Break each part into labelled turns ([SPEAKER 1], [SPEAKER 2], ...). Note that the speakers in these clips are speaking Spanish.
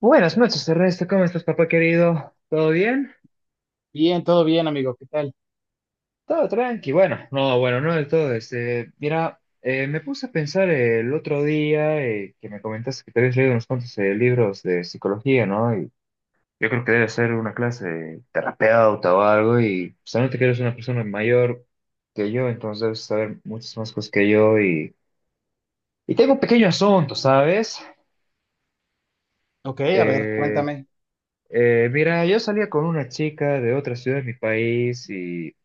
[SPEAKER 1] Buenas noches, Ernesto. ¿Cómo estás, papá querido? ¿Todo bien?
[SPEAKER 2] Bien, todo bien, amigo. ¿Qué tal?
[SPEAKER 1] Todo tranqui. Bueno, no, bueno, no del todo. Me puse a pensar el otro día que me comentaste que te habías leído unos cuantos libros de psicología, ¿no? Y yo creo que debe ser una clase de terapeuta o algo. Y solamente que eres una persona mayor que yo, entonces debes saber muchas más cosas que yo. Y tengo un pequeño asunto, ¿sabes?
[SPEAKER 2] Ok, a ver,
[SPEAKER 1] Eh,
[SPEAKER 2] cuéntame.
[SPEAKER 1] yo salía con una chica de otra ciudad de mi país y.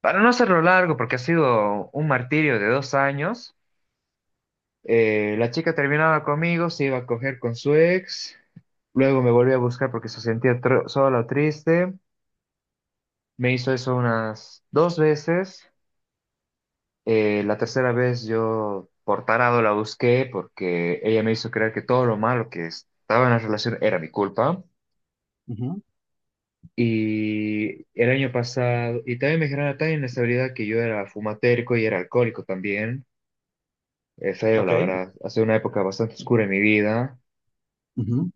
[SPEAKER 1] Para no hacerlo largo, porque ha sido un martirio de dos años, la chica terminaba conmigo, se iba a coger con su ex, luego me volvió a buscar porque se sentía sola o triste, me hizo eso unas dos veces, la tercera vez yo por tarado la busqué porque ella me hizo creer que todo lo malo que estaba en la relación era mi culpa.
[SPEAKER 2] Ujú,
[SPEAKER 1] Y el año pasado, y también me generaba tan inestabilidad que yo era fumatérico y era alcohólico también. Es feo,
[SPEAKER 2] ok,
[SPEAKER 1] la verdad. Ha sido una época bastante oscura en mi vida.
[SPEAKER 2] ujú,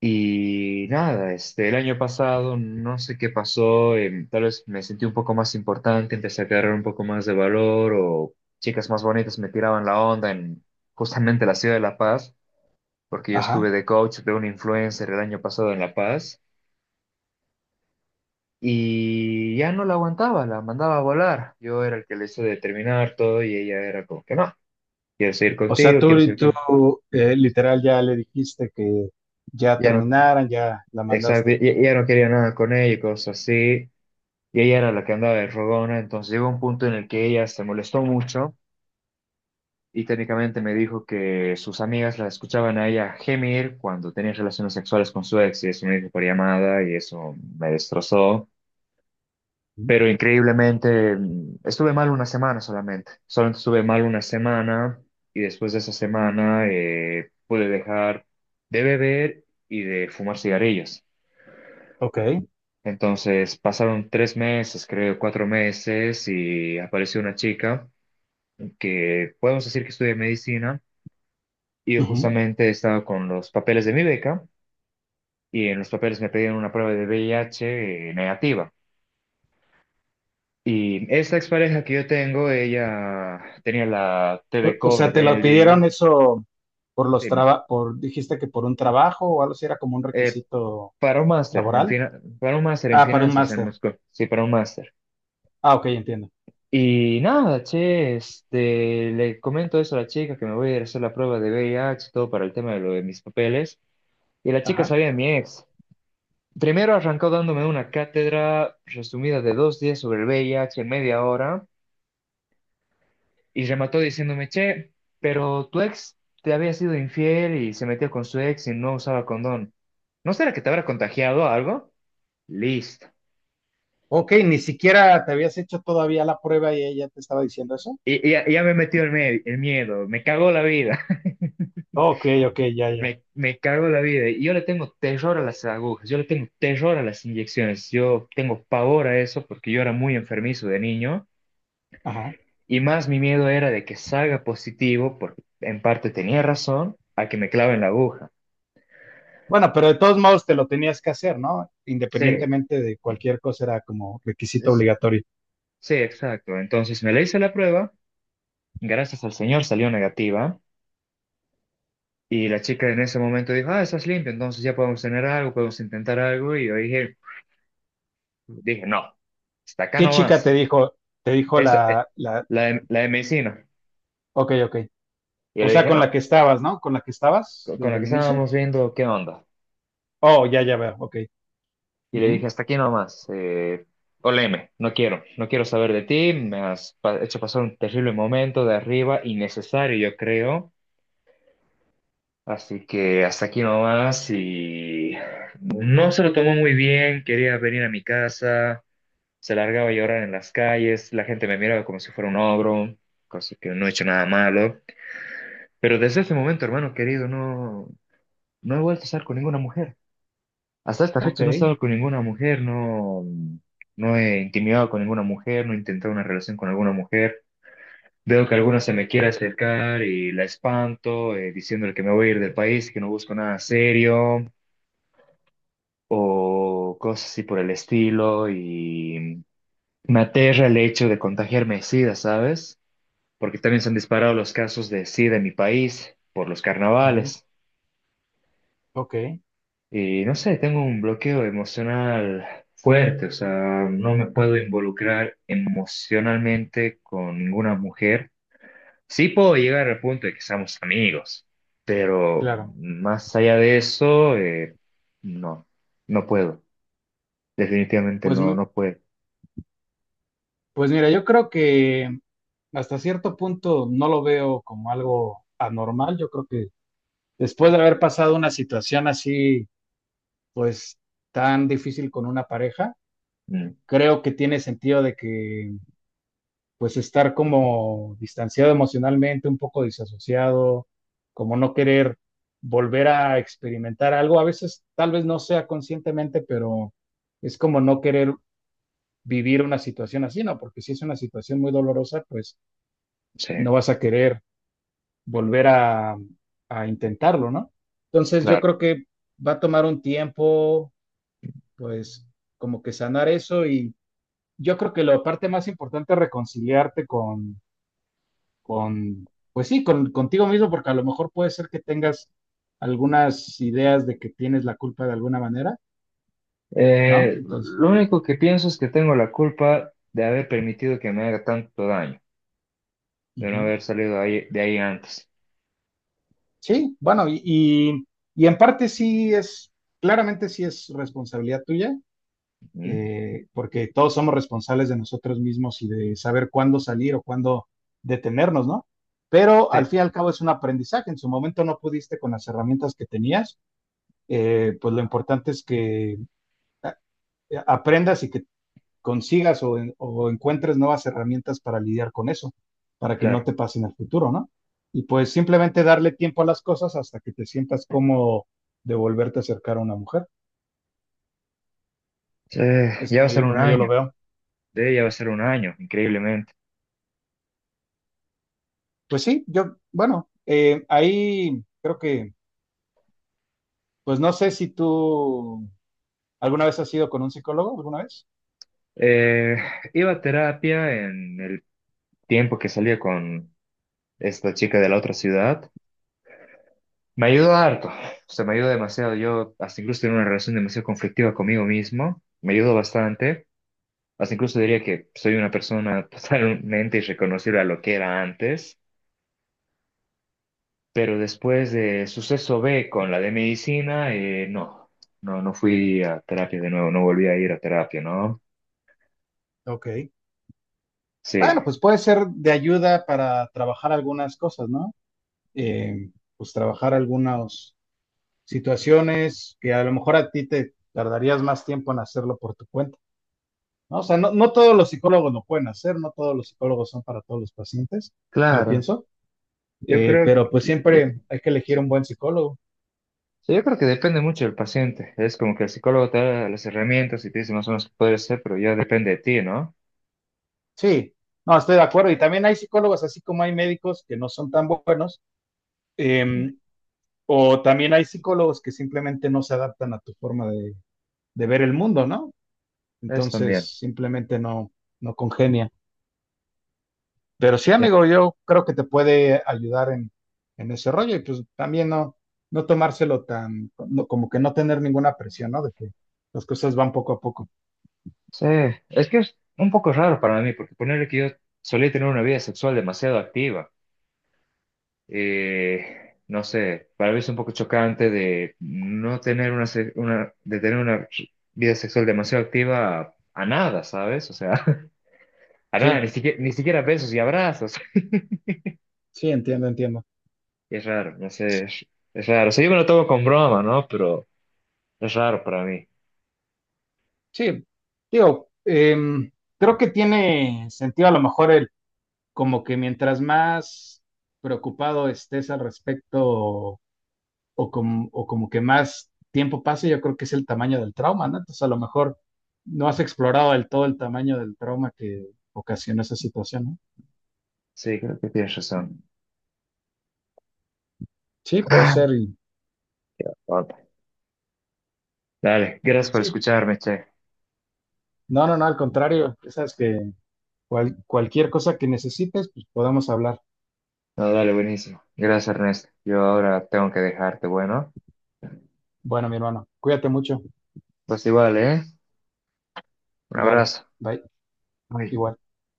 [SPEAKER 1] Y nada, este, el año pasado no sé qué pasó, tal vez me sentí un poco más importante, empecé a agarrar un poco más de valor o chicas más bonitas me tiraban la onda en justamente la ciudad de La Paz, porque yo
[SPEAKER 2] ajá.
[SPEAKER 1] estuve de coach de un influencer el año pasado en La Paz y ya no la aguantaba, la mandaba a volar. Yo era el que le hice determinar todo y ella era como que no, quiero seguir
[SPEAKER 2] O sea,
[SPEAKER 1] contigo,
[SPEAKER 2] tú,
[SPEAKER 1] quiero seguir
[SPEAKER 2] tú
[SPEAKER 1] contigo.
[SPEAKER 2] eh, literal ya le dijiste que ya terminaran, ya la
[SPEAKER 1] Exacto, y
[SPEAKER 2] mandaste.
[SPEAKER 1] y ella no quería nada con ella y cosas así, y ella era la que andaba de rogona, entonces llegó un punto en el que ella se molestó mucho y técnicamente me dijo que sus amigas la escuchaban a ella gemir cuando tenía relaciones sexuales con su ex, y eso me dijo por llamada y eso me destrozó,
[SPEAKER 2] Ujú,
[SPEAKER 1] pero increíblemente estuve mal una semana solamente, solamente estuve mal una semana y después de esa semana pude dejar de beber y de fumar cigarrillos.
[SPEAKER 2] ok,
[SPEAKER 1] Entonces pasaron tres meses, creo, cuatro meses, y apareció una chica que podemos decir que estudia medicina, y yo
[SPEAKER 2] ujú.
[SPEAKER 1] justamente estaba con los papeles de mi beca, y en los papeles me pedían una prueba de VIH negativa. Y esta expareja que yo tengo, ella tenía la TV
[SPEAKER 2] O
[SPEAKER 1] Cobra,
[SPEAKER 2] sea, te
[SPEAKER 1] tenía
[SPEAKER 2] lo
[SPEAKER 1] el
[SPEAKER 2] pidieron
[SPEAKER 1] DIU,
[SPEAKER 2] eso por los
[SPEAKER 1] sí, me-
[SPEAKER 2] trabajos, por, dijiste que por un trabajo o algo así era como un
[SPEAKER 1] eh,
[SPEAKER 2] requisito
[SPEAKER 1] para un
[SPEAKER 2] laboral.
[SPEAKER 1] para un máster en
[SPEAKER 2] Ah, para un
[SPEAKER 1] finanzas en
[SPEAKER 2] máster.
[SPEAKER 1] Moscú, sí, para un máster.
[SPEAKER 2] Ah, ok, entiendo.
[SPEAKER 1] Y nada, che, este, le comento eso a la chica que me voy a ir a hacer la prueba de V I H todo para el tema de lo de mis papeles. Y la chica
[SPEAKER 2] Ajá.
[SPEAKER 1] sabía de mi ex. Primero arrancó dándome una cátedra resumida de dos días sobre el V I H en media hora y remató diciéndome, che, pero tu ex te había sido infiel y se metió con su ex y no usaba condón. ¿No será que te habrá contagiado algo? Listo.
[SPEAKER 2] Ok, ni siquiera te habías hecho todavía la prueba y ella te estaba diciendo eso.
[SPEAKER 1] Ya me metió el miedo, me cagó la vida.
[SPEAKER 2] Ok, ok, ya, ya.
[SPEAKER 1] Me cago en la vida. Y yo le tengo terror a las agujas, yo le tengo terror a las inyecciones, yo tengo pavor a eso porque yo era muy enfermizo de niño
[SPEAKER 2] Ajá.
[SPEAKER 1] y más mi miedo era de que salga positivo, porque en parte tenía razón, a que me claven la aguja.
[SPEAKER 2] Bueno, pero de todos modos te lo tenías que hacer, ¿no?
[SPEAKER 1] Sí,
[SPEAKER 2] Independientemente de
[SPEAKER 1] eh,
[SPEAKER 2] cualquier cosa, era como requisito
[SPEAKER 1] es-
[SPEAKER 2] obligatorio.
[SPEAKER 1] sí, exacto. Entonces me le hice la prueba, gracias al Señor salió negativa y la chica en ese momento dijo, ah, estás limpio, entonces ya podemos tener algo, podemos intentar algo y yo dije, dije, no, hasta acá
[SPEAKER 2] ¿Qué chica te
[SPEAKER 1] nomás.
[SPEAKER 2] dijo? Te dijo
[SPEAKER 1] Esa, la de medicina.
[SPEAKER 2] ok, ok.
[SPEAKER 1] Y yo
[SPEAKER 2] O
[SPEAKER 1] le
[SPEAKER 2] sea,
[SPEAKER 1] dije,
[SPEAKER 2] con la que
[SPEAKER 1] no,
[SPEAKER 2] estabas, ¿no? Con la que estabas
[SPEAKER 1] con
[SPEAKER 2] desde
[SPEAKER 1] la que
[SPEAKER 2] el inicio.
[SPEAKER 1] estábamos viendo, ¿qué onda?
[SPEAKER 2] Oh, ya, ya veo, ok.
[SPEAKER 1] Y le
[SPEAKER 2] Ujú,
[SPEAKER 1] dije, hasta aquí nomás, oleme, no quiero, no quiero saber de ti, me has hecho pasar un terrible momento de arriba, innecesario, yo creo. Así que hasta aquí nomás y no se lo tomó muy bien, quería venir a mi casa, se largaba a llorar en las calles, la gente me miraba como si fuera un ogro, cosa que no he hecho nada malo. Pero desde ese momento, hermano querido, no. No he vuelto a estar con ninguna mujer. Hasta esta
[SPEAKER 2] ok,
[SPEAKER 1] fecha no he estado con ninguna mujer, no, no he intimidado con ninguna mujer, no he intentado una relación con alguna mujer. Veo que alguna se me quiere acercar y la espanto, diciéndole que me voy a ir del país, que no busco nada serio, o cosas así por el estilo, y me aterra el hecho de contagiarme de SIDA, ¿sabes? Porque también se han disparado los casos de SIDA en mi país por los
[SPEAKER 2] ujú,
[SPEAKER 1] carnavales.
[SPEAKER 2] ok,
[SPEAKER 1] Y no sé, tengo un bloqueo emocional fuerte, o sea, no me puedo involucrar emocionalmente con ninguna mujer. Sí puedo llegar al punto de que seamos amigos, pero
[SPEAKER 2] claro.
[SPEAKER 1] más allá de eso, no, no puedo. Definitivamente
[SPEAKER 2] Pues,
[SPEAKER 1] no,
[SPEAKER 2] mi-
[SPEAKER 1] no puedo.
[SPEAKER 2] pues mira, yo creo que hasta cierto punto no lo veo como algo anormal. Yo creo que después de haber pasado una situación así, pues tan difícil con una pareja,
[SPEAKER 1] Mm,
[SPEAKER 2] creo que tiene sentido de que pues estar como distanciado emocionalmente, un poco disasociado, como no querer volver a experimentar algo, a veces tal vez no sea conscientemente, pero es como no querer vivir una situación así, ¿no? Porque si es una situación muy dolorosa, pues
[SPEAKER 1] sí,
[SPEAKER 2] no vas a querer volver a intentarlo, ¿no? Entonces yo
[SPEAKER 1] claro.
[SPEAKER 2] creo que va a tomar un tiempo, pues como que sanar eso. Y yo creo que la parte más importante es reconciliarte con pues sí, con, contigo mismo, porque a lo mejor puede ser que tengas algunas ideas de que tienes la culpa de alguna manera, ¿no? Entonces,
[SPEAKER 1] Lo único que pienso es que tengo la culpa de haber permitido que me haga tanto daño, de no
[SPEAKER 2] ujú.
[SPEAKER 1] haber salido de ahí antes.
[SPEAKER 2] Sí, bueno, y en parte sí es, claramente sí es responsabilidad tuya,
[SPEAKER 1] Mm,
[SPEAKER 2] porque todos somos responsables de nosotros mismos y de saber cuándo salir o cuándo detenernos, ¿no? Pero al
[SPEAKER 1] sí,
[SPEAKER 2] fin y al cabo es un aprendizaje. En su momento no pudiste con las herramientas que tenías, pues lo importante es que aprendas y que consigas o encuentres nuevas herramientas para lidiar con eso, para que no
[SPEAKER 1] claro.
[SPEAKER 2] te pase en el futuro, ¿no? Y pues simplemente darle tiempo a las cosas hasta que te sientas cómodo de volverte a acercar a una mujer.
[SPEAKER 1] Sí,
[SPEAKER 2] Es
[SPEAKER 1] ya va a ser un
[SPEAKER 2] como yo lo
[SPEAKER 1] año,
[SPEAKER 2] veo.
[SPEAKER 1] sí, ya va a ser un año, increíblemente.
[SPEAKER 2] Pues sí, yo, bueno, ahí creo que, pues no sé si tú alguna vez has ido con un psicólogo, alguna vez.
[SPEAKER 1] Eh, Iba a terapia en el tiempo que salía con esta chica de la otra ciudad. Me ayudó harto, o sea, me ayudó demasiado. Yo hasta incluso tenía una relación demasiado conflictiva conmigo mismo, me ayudó bastante. Hasta incluso diría que soy una persona totalmente irreconocible a lo que era antes, pero después de suceso B con la de medicina, no, no fui a terapia de nuevo, no volví a ir a terapia, ¿no?
[SPEAKER 2] Ok.
[SPEAKER 1] Sí.
[SPEAKER 2] Bueno, pues puede ser de ayuda para trabajar algunas cosas, ¿no? eh, pues trabajar algunas situaciones que a lo mejor a ti te tardarías más tiempo en hacerlo por tu cuenta. ¿No? O sea, no, no todos los psicólogos lo pueden hacer, no todos los psicólogos son para todos los pacientes, yo
[SPEAKER 1] Claro,
[SPEAKER 2] pienso,
[SPEAKER 1] yo creo
[SPEAKER 2] pero pues
[SPEAKER 1] que,
[SPEAKER 2] siempre hay que elegir
[SPEAKER 1] sí,
[SPEAKER 2] un buen psicólogo.
[SPEAKER 1] sí, yo creo que depende mucho del paciente. Es como que el psicólogo te da las herramientas y te dice más o menos qué puede ser, pero ya depende de ti, ¿no?
[SPEAKER 2] Sí, no, estoy de acuerdo. Y también hay psicólogos, así como hay médicos que no son tan buenos, eh,
[SPEAKER 1] Mm.
[SPEAKER 2] o también hay psicólogos que simplemente no se adaptan a tu forma de ver el mundo, ¿no?
[SPEAKER 1] Es también.
[SPEAKER 2] Entonces, simplemente no, no congenia. Pero sí,
[SPEAKER 1] Sí.
[SPEAKER 2] amigo, yo creo que te puede ayudar en ese rollo. Y pues también no, no tomárselo tan, como que no tener ninguna presión, ¿no? De que las cosas van poco a poco.
[SPEAKER 1] Sí, es que es un poco raro para mí, porque ponerle que yo solía tener una vida sexual demasiado activa. No sé, para mí es un poco chocante de no tener una, de tener una vida sexual demasiado activa a, nada, ¿sabes? O sea, a nada, ni
[SPEAKER 2] Sí,
[SPEAKER 1] siquiera, ni siquiera besos y abrazos.
[SPEAKER 2] sí, entiendo, entiendo.
[SPEAKER 1] Y es raro, no sé, Es raro. O sea, yo me lo tomo con broma, ¿no? Pero es raro para mí.
[SPEAKER 2] Sí, digo, creo que tiene sentido a lo mejor el, como que mientras más preocupado estés al respecto o como que más tiempo pase, yo creo que es el tamaño del trauma, ¿no? Entonces a lo mejor no has explorado del todo el tamaño del trauma que ocasiona esa situación, ¿no?
[SPEAKER 1] Sí, creo que tienes razón.
[SPEAKER 2] Sí, puede
[SPEAKER 1] Ah,
[SPEAKER 2] ser.
[SPEAKER 1] papá. Dale, gracias por
[SPEAKER 2] Sí,
[SPEAKER 1] escucharme, che.
[SPEAKER 2] no, no, no, al contrario. Ya sabes que cualquier cosa que necesites, pues podemos hablar.
[SPEAKER 1] No, dale, buenísimo. Gracias, Ernesto. Yo ahora tengo que dejarte, bueno.
[SPEAKER 2] Bueno, mi hermano, cuídate mucho.
[SPEAKER 1] Pues igual, ¿eh? Un
[SPEAKER 2] Vale,
[SPEAKER 1] abrazo.
[SPEAKER 2] bye.
[SPEAKER 1] Bye.
[SPEAKER 2] Igual.